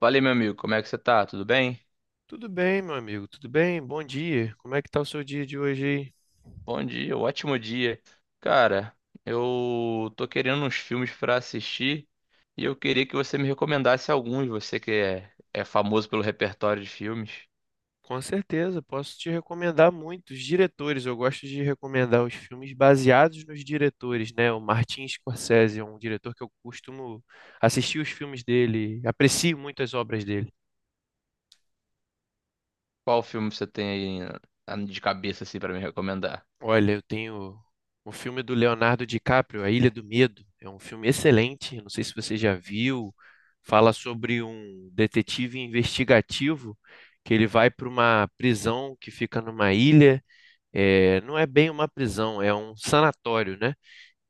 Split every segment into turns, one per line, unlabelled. Valeu, meu amigo. Como é que você tá? Tudo bem?
Tudo bem, meu amigo, tudo bem? Bom dia. Como é que tá o seu dia de hoje aí?
Bom dia, ótimo dia. Cara, eu tô querendo uns filmes pra assistir e eu queria que você me recomendasse alguns. Você que é famoso pelo repertório de filmes.
Com certeza, posso te recomendar muitos diretores. Eu gosto de recomendar os filmes baseados nos diretores, né? O Martin Scorsese é um diretor que eu costumo assistir os filmes dele, aprecio muito as obras dele.
Qual filme você tem aí de cabeça assim pra me recomendar?
Olha, eu tenho o filme do Leonardo DiCaprio, A Ilha do Medo. É um filme excelente, não sei se você já viu. Fala sobre um detetive investigativo que ele vai para uma prisão que fica numa ilha. É, não é bem uma prisão, é um sanatório, né?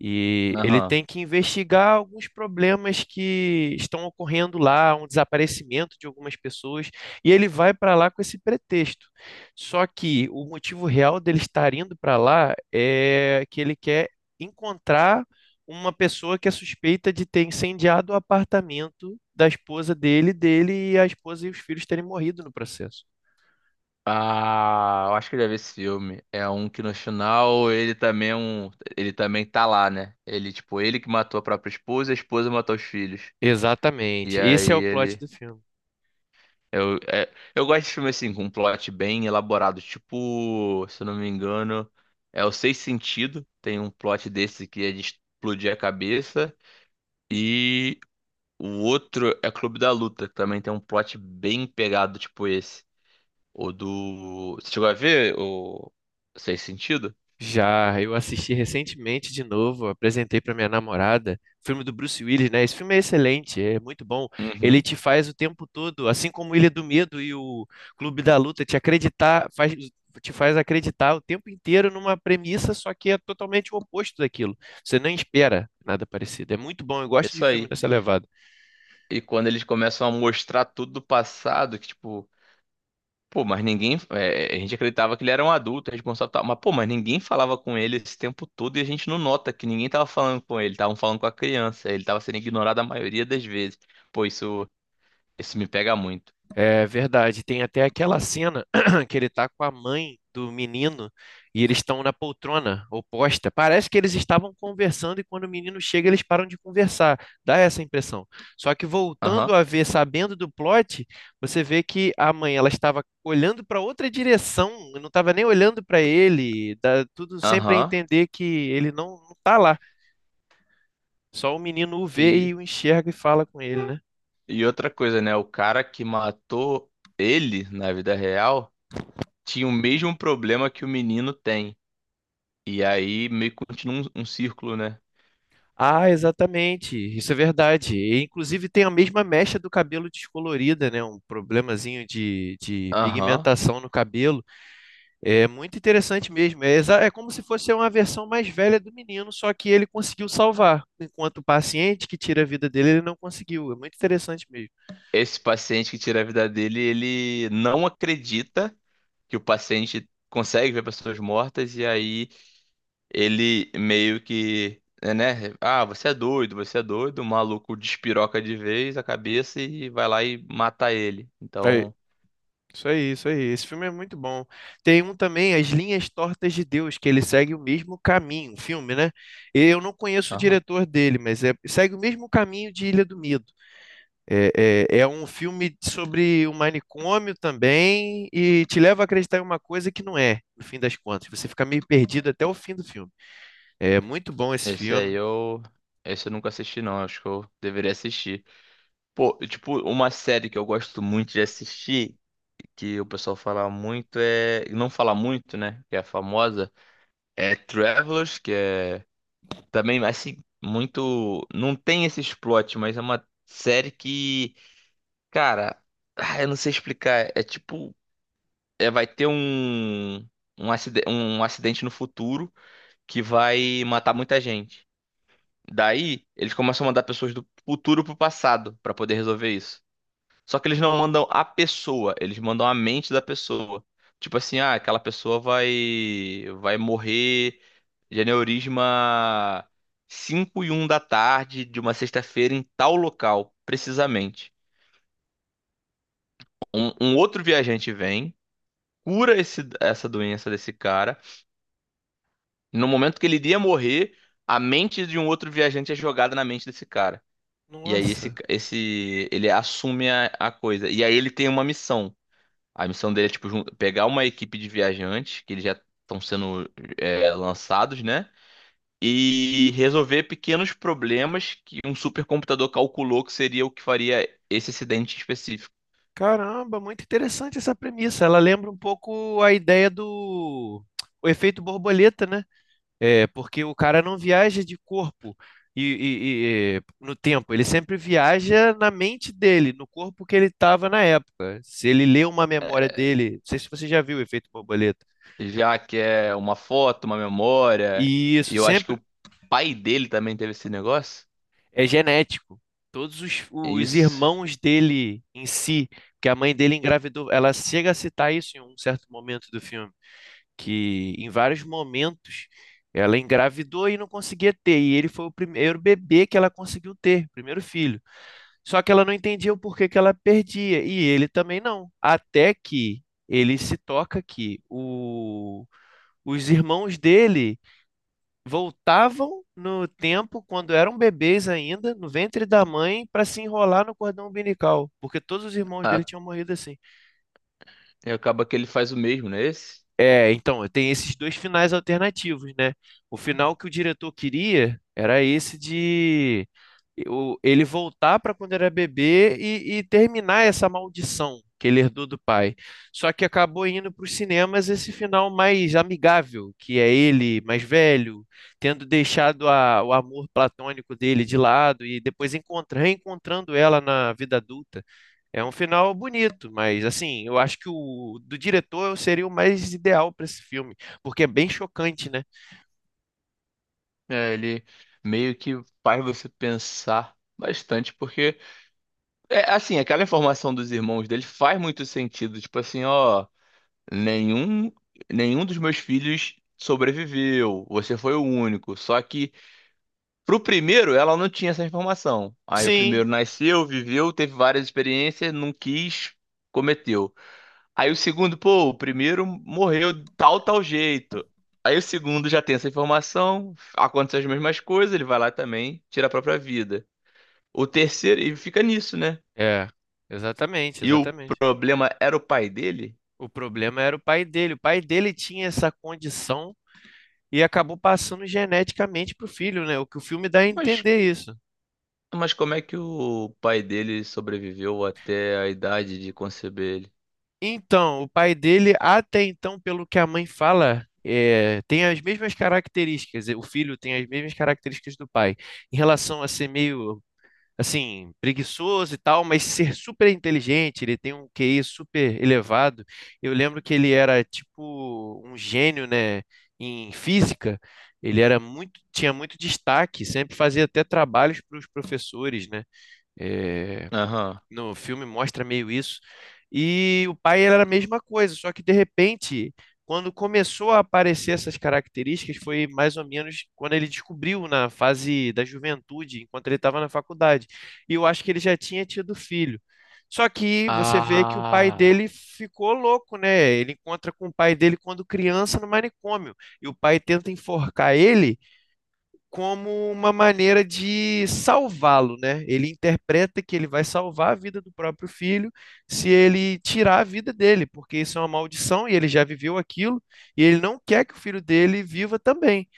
E ele
Aham.
tem que investigar alguns problemas que estão ocorrendo lá, um desaparecimento de algumas pessoas, e ele vai para lá com esse pretexto. Só que o motivo real dele estar indo para lá é que ele quer encontrar uma pessoa que é suspeita de ter incendiado o apartamento da esposa dele, dele e a esposa e os filhos terem morrido no processo.
Ah, eu acho que eu já vi esse filme. É um que no final ele também tá lá, né? Ele tipo, ele que matou a própria esposa, e a esposa matou os filhos. E
Exatamente.
aí
Esse é o plot
ele
do filme.
Eu gosto de filme assim, com um plot bem elaborado. Tipo, se eu não me engano, é o Seis Sentido. Tem um plot desse que é de explodir a cabeça. E o outro é Clube da Luta, que também tem um plot bem pegado, tipo esse. Ou do. Você chegou a ver o Seis Sentido?
Já, eu assisti recentemente de novo, apresentei para minha namorada, o filme do Bruce Willis, né? Esse filme é excelente, é muito bom. Ele
Uhum.
te faz o tempo todo, assim como Ilha do Medo e o Clube da Luta, te acreditar, faz, te faz acreditar o tempo inteiro numa premissa, só que é totalmente o oposto daquilo. Você nem espera nada parecido. É muito bom, eu gosto de
Isso
filme
aí.
dessa levada.
E quando eles começam a mostrar tudo do passado, que tipo. Pô, mas ninguém. A gente acreditava que ele era um adulto, responsável e tal. Mas, pô, mas ninguém falava com ele esse tempo todo e a gente não nota que ninguém tava falando com ele. Estavam falando com a criança. Ele tava sendo ignorado a maioria das vezes. Pô, isso me pega muito.
É verdade. Tem até aquela cena que ele tá com a mãe do menino e eles estão na poltrona oposta. Parece que eles estavam conversando e quando o menino chega eles param de conversar. Dá essa impressão. Só que
Aham,
voltando a ver, sabendo do plot, você vê que a mãe ela estava olhando para outra direção, não estava nem olhando para ele. Dá tudo sempre a
aham.
entender que ele não tá lá. Só o menino o vê
E,
e o enxerga e fala com ele, né?
e outra coisa, né? O cara que matou ele na vida real tinha o mesmo problema que o menino tem. E aí meio que continua um círculo, né?
Ah, exatamente. Isso é verdade. E, inclusive tem a mesma mecha do cabelo descolorida, né? Um problemazinho de
Aham.
pigmentação no cabelo. É muito interessante mesmo. É, é como se fosse uma versão mais velha do menino, só que ele conseguiu salvar. Enquanto o paciente que tira a vida dele, ele não conseguiu. É muito interessante mesmo.
Esse paciente que tira a vida dele, ele não acredita que o paciente consegue ver pessoas mortas e aí ele meio que, né? Ah, você é doido, você é doido. O maluco despiroca de vez a cabeça e vai lá e mata ele.
É,
Então,
isso aí, isso aí. Esse filme é muito bom. Tem um também, As Linhas Tortas de Deus, que ele segue o mesmo caminho, um filme, né? Eu não conheço o
aham.
diretor dele, segue o mesmo caminho de Ilha do Medo. É um filme sobre um manicômio também e te leva a acreditar em uma coisa que não é, no fim das contas. Você fica meio perdido até o fim do filme. É muito bom esse
Esse
filme.
aí eu. Esse eu nunca assisti, não. Acho que eu deveria assistir. Pô, tipo, uma série que eu gosto muito de assistir, que o pessoal fala muito, é. Não fala muito, né? Que é famosa. É Travelers, que é Também, assim, muito. Não tem esse plot, mas é uma série que, cara, ah, eu não sei explicar. É tipo. É, vai ter um acidente no futuro que vai matar muita gente. Daí, eles começam a mandar pessoas do futuro pro passado pra poder resolver isso. Só que eles não mandam a pessoa, eles mandam a mente da pessoa. Tipo assim, ah, aquela pessoa vai morrer de aneurisma 5:01 da tarde de uma sexta-feira em tal local, precisamente. Um outro viajante vem, cura essa doença desse cara. No momento que ele iria morrer, a mente de um outro viajante é jogada na mente desse cara. E aí esse,
Nossa,
esse ele assume a coisa. E aí ele tem uma missão. A missão dele é tipo pegar uma equipe de viajantes que eles já estão sendo lançados, né? E resolver pequenos problemas que um supercomputador calculou que seria o que faria esse acidente específico.
caramba, muito interessante essa premissa. Ela lembra um pouco a ideia do o efeito borboleta, né? É, porque o cara não viaja de corpo e no tempo, ele sempre viaja na mente dele, no corpo que ele estava na época. Se ele lê uma memória dele, não sei se você já viu o efeito borboleta.
Já que é uma foto, uma memória,
E isso
e eu acho que
sempre
o pai dele também teve esse negócio.
é genético. Todos os,
É
os
isso.
irmãos dele em si, que a mãe dele engravidou, ela chega a citar isso em um certo momento do filme, que em vários momentos ela engravidou e não conseguia ter, e ele foi o primeiro bebê que ela conseguiu ter, primeiro filho. Só que ela não entendia o porquê que ela perdia, e ele também não. Até que ele se toca que os irmãos dele voltavam no tempo, quando eram bebês ainda, no ventre da mãe, para se enrolar no cordão umbilical, porque todos os irmãos dele
Ah,
tinham morrido assim.
e acaba que ele faz o mesmo, né? Esse?
É, então, tem esses dois finais alternativos, né? O final que o diretor queria era esse de ele voltar para quando era bebê e terminar essa maldição que ele herdou do pai. Só que acabou indo para os cinemas esse final mais amigável, que é ele mais velho, tendo deixado o amor platônico dele de lado e depois reencontrando ela na vida adulta. É um final bonito, mas assim, eu acho que o do diretor seria o mais ideal para esse filme, porque é bem chocante, né?
É, ele meio que faz você pensar bastante, porque é assim, aquela informação dos irmãos dele faz muito sentido. Tipo assim, ó. Nenhum, nenhum dos meus filhos sobreviveu. Você foi o único. Só que pro primeiro ela não tinha essa informação. Aí o
Sim,
primeiro nasceu, viveu, teve várias experiências, não quis, cometeu. Aí o segundo, pô, o primeiro morreu de tal, tal jeito. Aí o segundo já tem essa informação, acontecem as mesmas coisas, ele vai lá também, tira a própria vida. O terceiro, e fica nisso, né?
é, exatamente,
E o
exatamente.
problema era o pai dele?
O problema era o pai dele. O pai dele tinha essa condição e acabou passando geneticamente pro filho, né? O que o filme dá a
Mas
entender isso.
Mas como é que o pai dele sobreviveu até a idade de conceber ele?
Então, o pai dele, até então, pelo que a mãe fala, é, tem as mesmas características. O filho tem as mesmas características do pai, em relação a ser meio assim, preguiçoso e tal, mas ser super inteligente, ele tem um QI super elevado. Eu lembro que ele era tipo um gênio, né, em física. Ele era muito, tinha muito destaque, sempre fazia até trabalhos para os professores, né? Eh,
Aham.
no filme mostra meio isso. E o pai era a mesma coisa, só que de repente, quando começou a aparecer essas características, foi mais ou menos quando ele descobriu na fase da juventude, enquanto ele estava na faculdade. E eu acho que ele já tinha tido filho. Só que você vê que o pai
Ah,
dele ficou louco, né? Ele encontra com o pai dele quando criança no manicômio. E o pai tenta enforcar ele como uma maneira de salvá-lo, né? Ele interpreta que ele vai salvar a vida do próprio filho se ele tirar a vida dele, porque isso é uma maldição e ele já viveu aquilo e ele não quer que o filho dele viva também.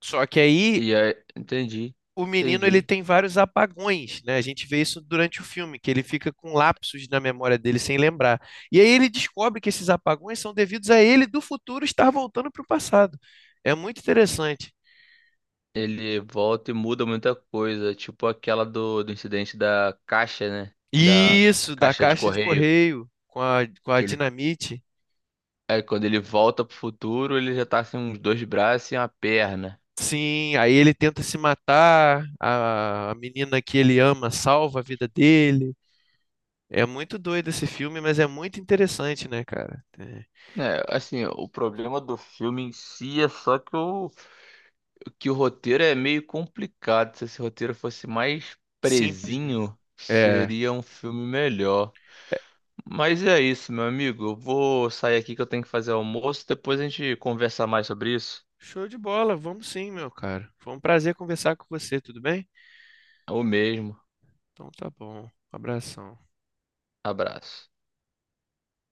Só que aí
E aí, entendi,
o menino ele
entendi.
tem vários apagões, né? A gente vê isso durante o filme, que ele fica com lapsos na memória dele sem lembrar. E aí ele descobre que esses apagões são devidos a ele do futuro estar voltando para o passado. É muito interessante.
Ele volta e muda muita coisa, tipo aquela do incidente da caixa, né? Da
Isso, da
caixa de
caixa de
correio.
correio com a
Que ele,
dinamite.
quando ele volta pro futuro, ele já tá sem uns dois braços e uma perna.
Sim, aí ele tenta se matar, a menina que ele ama salva a vida dele. É muito doido esse filme, mas é muito interessante, né, cara? É
É, assim, o problema do filme em si é só que o roteiro é meio complicado. Se esse roteiro fosse mais
simples, né?
presinho,
É.
seria um filme melhor. Mas é isso, meu amigo. Eu vou sair aqui que eu tenho que fazer almoço. Depois a gente conversa mais sobre isso.
Show de bola, vamos sim, meu cara. Foi um prazer conversar com você, tudo bem?
É o mesmo.
Então tá bom. Um abração.
Abraço.